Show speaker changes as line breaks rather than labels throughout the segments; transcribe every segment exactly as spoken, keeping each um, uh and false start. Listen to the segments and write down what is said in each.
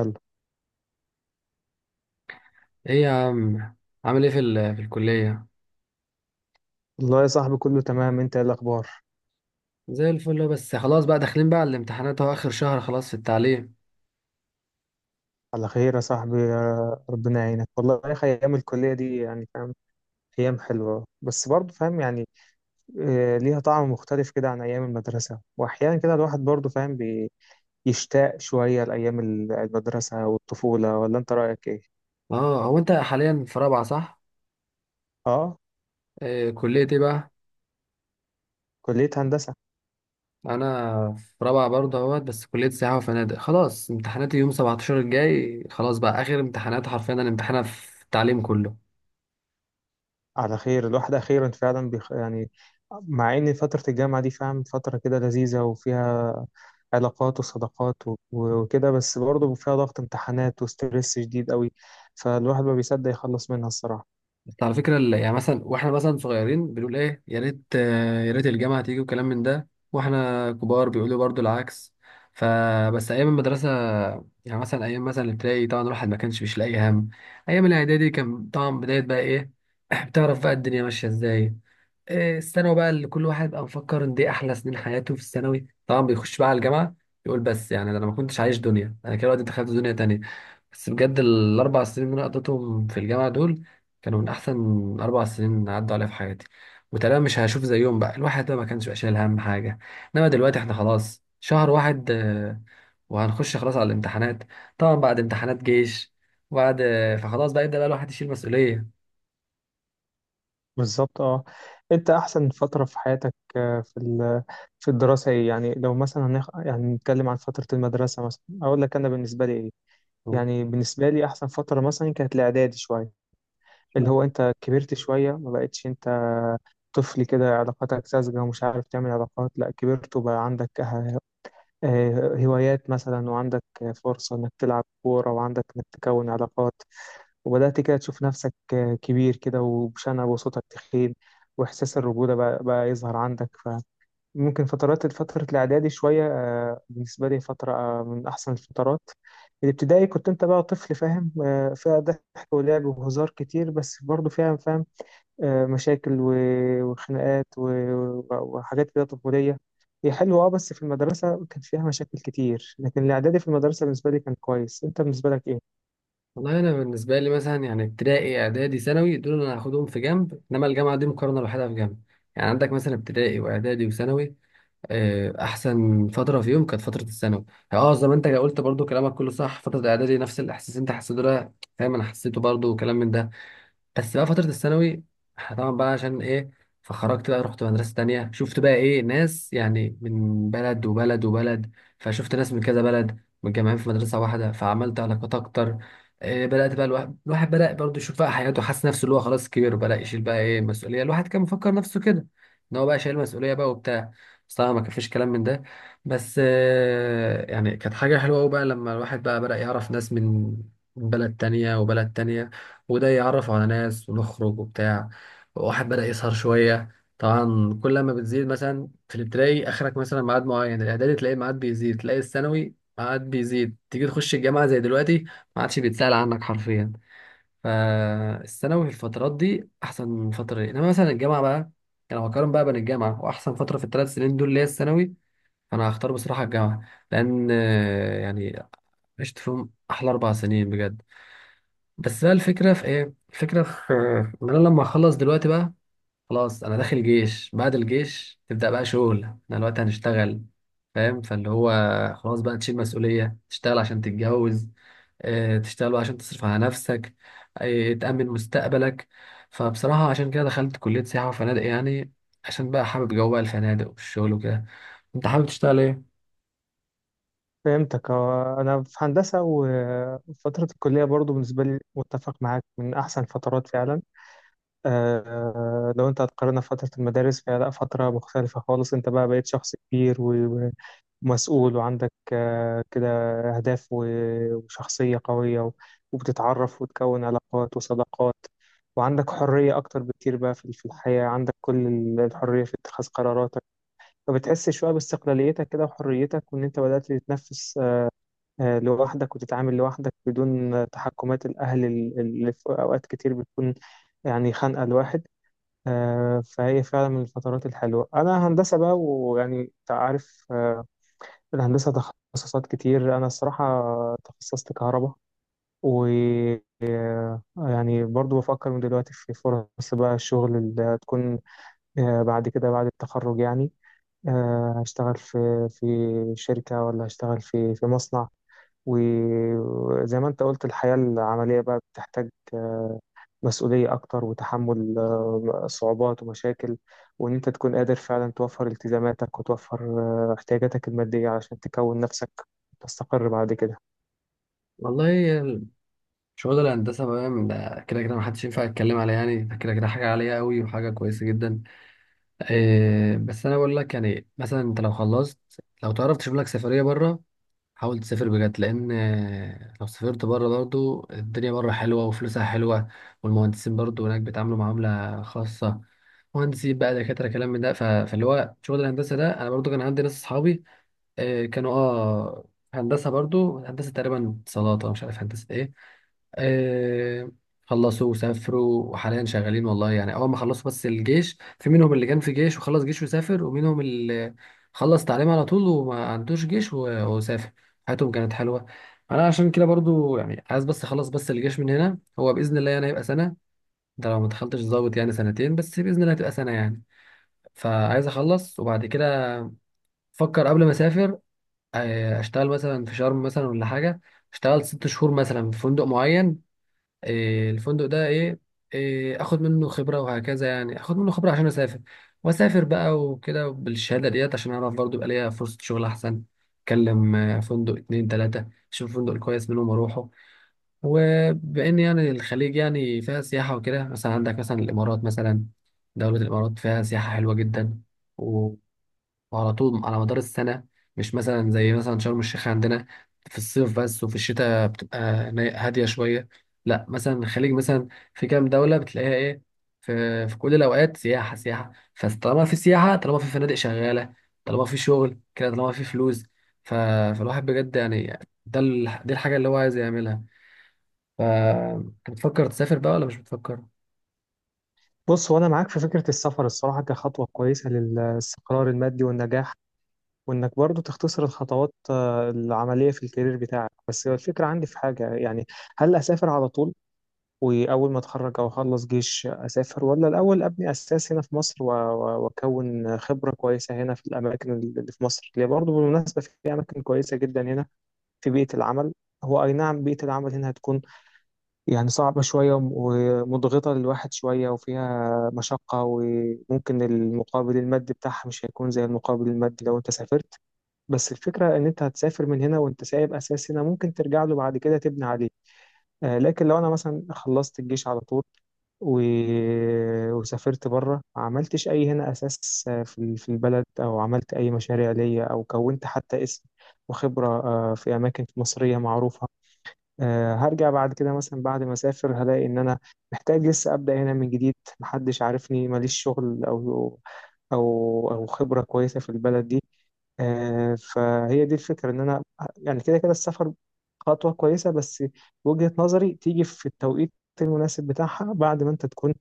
يلا.
ايه يا عم، عامل ايه في ال- في الكلية؟
والله يا صاحبي كله تمام. انت ايه الاخبار؟
زي الفل أهو، بس خلاص بقى داخلين بقى على الامتحانات اهو، اخر شهر خلاص في التعليم.
على خير يا صاحبي، يا ربنا يعينك. والله يا اخي ايام الكليه دي يعني فاهم، ايام حلوه بس برضه فاهم يعني. آه، ليها طعم مختلف كده عن ايام المدرسه، واحيانا كده الواحد برضه فاهم بيشتاق شويه لايام ال- المدرسه والطفوله. ولا انت رايك ايه؟
اه، هو انت حاليا في رابعة صح؟
اه.
إيه كلية ايه بقى؟
كليه هندسه.
انا في رابعة برضه اهوت، بس كلية سياحة وفنادق. خلاص امتحاناتي يوم سبعتاشر الجاي، خلاص بقى اخر امتحانات حرفيا انا امتحانها في التعليم كله.
على خير، الواحد أخيرا فعلا بيخ... يعني. مع إن فترة الجامعة دي فاهم فترة كده لذيذة، وفيها علاقات وصداقات و... وكده، بس برضه فيها ضغط امتحانات وستريس شديد قوي، فالواحد ما بيصدق يخلص منها الصراحة.
بس على فكرة، ال- يعني مثلا واحنا مثلا صغيرين بنقول ايه، يا ريت آه، يا ريت الجامعة تيجي وكلام من ده، واحنا كبار بيقولوا برضو العكس. فبس ايام المدرسة، يعني مثلا ايام مثلا الابتدائي طبعا الواحد ما كانش مش لاقي هم، ايام الاعدادي كان طبعا بداية بقى ايه، بتعرف بقى الدنيا ماشية ازاي. آه، الثانوي بقى اللي كل واحد بقى مفكر ان دي احلى سنين حياته، في الثانوي طبعا بيخش بقى على الجامعه، يقول بس يعني ده انا ما كنتش عايش دنيا، انا كده دلوقتي دخلت دنيا تانية. بس بجد الاربع سنين اللي انا قضيتهم في الجامعه دول كانوا من احسن اربع سنين عدوا عليا في حياتي، وتقريبا مش هشوف زيهم بقى. الواحد بقى ما كانش بقى شايل هم حاجه، انما دلوقتي احنا خلاص شهر واحد، آه، وهنخش خلاص على الامتحانات. طبعا بعد امتحانات جيش، وبعد آه، فخلاص بقى يبدا بقى الواحد يشيل مسؤوليه.
بالظبط اه. انت احسن فترة في حياتك آه، في ال... في الدراسة ايه؟ يعني لو مثلا هنخ... يعني نتكلم عن فترة المدرسة، مثلا اقول لك انا بالنسبة لي ايه. يعني بالنسبة لي احسن فترة مثلا كانت الاعدادي شوية، اللي هو انت كبرت شوية، ما بقتش انت طفل كده، علاقاتك ساذجة ومش عارف تعمل علاقات. لا، كبرت وبقى عندك اه- اه هوايات مثلا، وعندك فرصة انك تلعب كورة، وعندك انك تكون علاقات، وبدأت كده تشوف نفسك اه كبير كده وبشنب وصوتك تخين، وإحساس الرجولة بقى, بقى يظهر عندك. فممكن فترات فترة الإعدادي شوية اه، بالنسبة لي فترة اه من أحسن الفترات. الابتدائي كنت انت بقى طفل فاهم، آه، فيها ضحك ولعب وهزار كتير، بس برضه فيها فاهم آه، مشاكل و- وخناقات و- وحاجات كده طفولية. هي حلوة اه، بس في المدرسة كان فيها مشاكل كتير، لكن الإعدادي في المدرسة بالنسبة لي كان كويس. أنت بالنسبة لك إيه؟
والله انا بالنسبه لي مثلا يعني ابتدائي اعدادي ثانوي دول انا هاخدهم في جنب، انما الجامعه دي مقارنه لوحدها في جنب. يعني عندك مثلا ابتدائي واعدادي وثانوي، آه، احسن فتره فيهم كانت فتره الثانوي. يعني اه زي ما انت قلت برضو كلامك كله صح، فتره اعدادي نفس الاحساس اللي انت حسيته ده فاهم، انا حسيته برضو وكلام من ده. بس بقى فترة الثانوي، إحنا طبعا بقى عشان ايه، فخرجت بقى رحت مدرسة تانية، شفت بقى ايه ناس يعني من بلد وبلد وبلد، فشفت ناس من كذا بلد متجمعين في مدرسة واحدة، فعملت علاقات أكتر. إيه، بدأت بقى الواحد, الواحد بدأ برضه يشوف بقى حياته، حاسس نفسه اللي هو خلاص كبير، وبدأ يشيل بقى ايه المسؤولية، الواحد كان مفكر نفسه كده إن هو بقى شايل مسؤولية بقى وبتاع. بس طبعا ما كان فيش كلام من ده، بس آه، يعني كانت حاجة حلوة أوي بقى لما الواحد بقى بدأ يعرف ناس من من بلد تانية وبلد تانية، وده يعرف على ناس ونخرج وبتاع. واحد بدأ يسهر شوية، طبعا كل ما بتزيد مثلا في الابتدائي آخرك مثلا ميعاد معين، الإعدادي تلاقي ميعاد بيزيد، تلاقي الثانوي ميعاد بيزيد، تيجي تخش الجامعة زي دلوقتي ما عادش بيتسأل عنك حرفيا. فالثانوي في الفترات دي أحسن فترة ليه. إنما مثلا الجامعة بقى، أنا بقارن بقى بين الجامعة وأحسن فترة في الثلاث سنين دول اللي هي الثانوي، فأنا هختار بصراحة الجامعة، لأن آه، يعني عشت فيهم أحلى أربع سنين بجد. بس بقى الفكرة في ايه، الفكرة في ان انا لما اخلص دلوقتي بقى، خلاص انا داخل جيش، بعد الجيش تبدأ بقى شغل، احنا دلوقتي هنشتغل فاهم، فاللي هو خلاص بقى تشيل مسؤولية، تشتغل عشان تتجوز، آه، تشتغل بقى عشان تصرف على نفسك، آه، تأمن مستقبلك. فبصراحة عشان كده دخلت كلية سياحة وفنادق، يعني عشان بقى حابب جو بقى الفنادق والشغل وكده. انت حابب تشتغل ايه؟
فهمتك. آه، أنا في هندسة، وفترة الكلية برضو بالنسبة لي متفق معاك من أحسن فترات فعلا. آه، لو أنت هتقارنها بفترة المدارس فهي لأ، فترة مختلفة خالص. أنت بقى بقيت شخص كبير و مسؤول وعندك آه، كده أهداف و- وشخصية قوية، و- وبتتعرف وتكون علاقات وصداقات، وعندك حرية أكتر بكتير بقى في في الحياة. عندك كل ال- الحرية في اتخاذ قراراتك، فبتحس شوية باستقلاليتك كده وحريتك، وإن أنت بدأت تتنفس آه، آه، لوحدك، وتتعامل لوحدك بدون آه، تحكمات الأهل ال- اللي في أوقات كتير بتكون يعني خانقة الواحد. آه، فهي فعلا من الفترات الحلوة. أنا هندسة بقى، ويعني أنت عارف آه، الهندسة تخصصات كتير. أنا الصراحة تخصصت كهرباء، و يعني برضو بفكر من دلوقتي في فرص بقى الشغل اللي هتكون آه، بعد كده بعد التخرج يعني. آه، هشتغل في في شركة ولا هشتغل في في مصنع؟ وزي ما انت قلت الحياة العملية بقى بتحتاج آه، مسؤولية أكتر، وتحمل آه، صعوبات ومشاكل، وإن أنت تكون قادر فعلا توفر التزاماتك، وتوفر آه، احتياجاتك المادية علشان تكون نفسك وتستقر بعد كده.
والله شغل الهندسة بقى، من- ده كده كده محدش ينفع يتكلم عليها يعني، ده كده كده حاجة عالية قوي وحاجة كويسة جدا. إيه بس انا بقول لك، يعني مثلا انت لو خلصت، لو تعرف تشوف لك سفريه بره حاول تسافر بجد، لان آه، لو سافرت بره برضو الدنيا بره حلوه وفلوسها حلوه، والمهندسين برضو هناك بيتعاملوا معامله خاصه، مهندسين بقى دكاتره كلام من ده. ف- فاللي هو شغل الهندسه ده، انا برضو كان عندي ناس اصحابي آه، كانوا اه هندسة، برضو هندسة تقريبا اتصالات أو مش عارف هندسة ايه. آه، خلصوا وسافروا وحاليا شغالين والله، يعني اول ما خلصوا بس الجيش، في منهم اللي كان في جيش وخلص جيش وسافر، ومنهم اللي خلص تعليم على طول وما عندوش جيش و- وسافر. حياتهم كانت حلوة. انا عشان كده برضو يعني عايز بس اخلص بس الجيش من هنا، هو باذن الله يعني هيبقى سنة، ده لو ما دخلتش ضابط يعني سنتين، بس باذن الله هتبقى سنة يعني. فعايز اخلص، وبعد كده فكر قبل ما اسافر، آه، اشتغل مثلا في شرم مثلا ولا حاجه، اشتغل ست شهور مثلا في فندق معين، آه، الفندق ده ايه، آه، اخد منه خبره وهكذا، يعني اخد منه خبره عشان اسافر، واسافر بقى وكده بالشهاده ديت عشان اعرف برضو يبقى ليا فرصه شغل احسن. اكلم آه، فندق اتنين تلاته، اشوف الفندق الكويس منهم اروحه. وبان يعني الخليج يعني فيها سياحه وكده، مثلا عندك مثلا الامارات مثلا، دوله الامارات فيها سياحه حلوه جدا، وعلى طول على مدار السنة، مش مثلا زي مثلا شرم الشيخ عندنا في الصيف بس، وفي الشتاء بتبقى ني- هادية شوية. لا مثلا الخليج مثلا في كام دولة بتلاقيها ايه، في في كل الأوقات سياحة سياحة، فطالما في سياحة طالما في فنادق شغالة، طالما في شغل كده طالما في فلوس. ف... فالواحد بجد يعني، ده ال... دي الحاجة اللي هو عايز يعملها. ف- انت بتفكر تسافر بقى ولا مش بتفكر؟
بص، وأنا معاك في فكرة السفر الصراحة كخطوة كويسة للاستقرار المادي والنجاح، وإنك برضو تختصر الخطوات آه، العملية في الكارير بتاعك. بس الفكرة عندي في حاجة يعني، هل أسافر على طول واول ما اتخرج او اخلص جيش اسافر، ولا الاول ابني اساس هنا في مصر و- و- واكون خبره كويسه هنا في الاماكن اللي في مصر، اللي برضه بالمناسبه في اماكن كويسه جدا هنا في بيئه العمل. هو اي نعم بيئه العمل هنا هتكون يعني صعبه شويه وم- ومضغطه للواحد شويه وفيها مشقه، وممكن المقابل المادي بتاعها مش هيكون زي المقابل المادي لو انت سافرت. بس الفكره ان انت هتسافر من هنا وانت سايب اساس هنا ممكن ترجع له بعد كده تبني عليه. آه، لكن لو انا مثلا خلصت الجيش على طول و... وسافرت بره ما عملتش اي هنا اساس في ال- في البلد، او عملت اي مشاريع ليا، او كونت حتى اسم وخبره آه، في اماكن مصريه معروفه، آه، هرجع بعد كده. مثلا بعد ما اسافر هلاقي ان انا محتاج لسه ابدا هنا من جديد، محدش عارفني، ماليش شغل او او او خبره كويسه في البلد دي. آه، فهي دي الفكره ان انا يعني كده كده السفر خطوه كويسه، بس وجهه نظري تيجي في التوقيت المناسب بتاعها، بعد ما انت تكون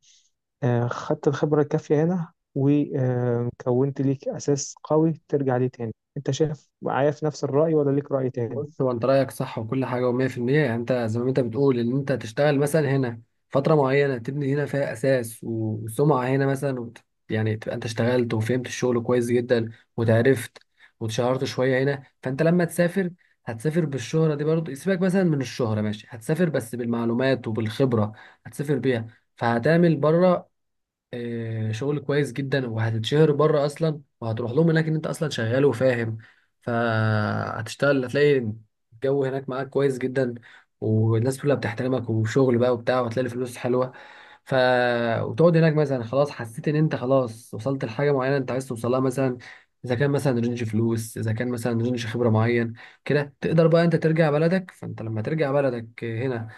آه، خدت الخبرة الكافية هنا وكونت ليك أساس قوي ترجع ليه تاني. أنت شايف معايا في نفس الرأي ولا ليك رأي تاني؟
بص، هو انت رايك صح وكل حاجه و100%، يعني انت زي ما انت بتقول ان انت تشتغل مثلا هنا فتره معينه تبني هنا فيها اساس، و- وسمعه هنا مثلا، وت... يعني تبقى انت اشتغلت وفهمت الشغل كويس جدا، وتعرفت واتشهرت شويه هنا، فانت لما تسافر هتسافر بالشهره دي برضه. سيبك مثلا من الشهره ماشي، هتسافر بس بالمعلومات وبالخبره، هتسافر بيها، فهتعمل بره آه، شغل كويس جدا، وهتتشهر بره اصلا، وهتروح لهم هناك ان انت اصلا شغال وفاهم. فهتشتغل، هتلاقي الجو هناك معاك كويس جدا، والناس كلها بتحترمك، وشغل بقى وبتاع، وهتلاقي الفلوس حلوه. ف وتقعد هناك مثلا، خلاص حسيت ان انت خلاص وصلت لحاجه معينه انت عايز توصلها، مثلا اذا كان مثلا رينج فلوس، اذا كان مثلا رينج خبره معين، كده تقدر بقى انت ترجع بلدك. فانت لما ترجع بلدك هنا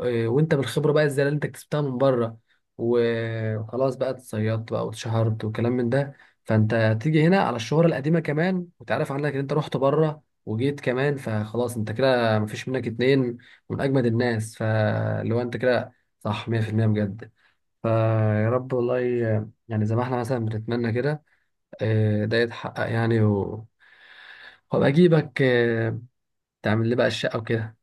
إيه، وانت بالخبره بقى الزياده اللي انت كسبتها من بره، و- وخلاص بقى اتصيدت بقى واتشهرت وكلام من ده، فانت تيجي هنا على الشهره القديمه كمان، وتعرف عنك ان انت رحت بره وجيت كمان، فخلاص انت كده مفيش منك اتنين، من اجمد الناس. فلو انت كده صح مية في المية، بجد. فيا رب والله، يعني زي ما احنا مثلا بنتمنى كده، إيه، ده يتحقق يعني، و... وابقى اجيبك إيه، تعمل لي بقى الشقه وكده.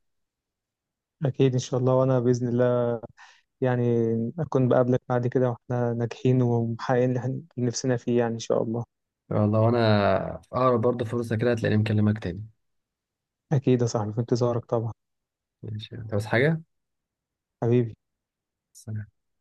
أكيد إن شاء الله. وأنا بإذن الله يعني أكون بقابلك بعد كده وإحنا ناجحين ومحققين اللي إحنا- اللي نفسنا فيه يعني، إن شاء الله.
والله وانا في اقرب برضه فرصة كده هتلاقيني مكلمك تاني.
أكيد يا صاحبي، في انتظارك طبعا.
ماشي انت بس حاجة.
حبيبي.
سلام.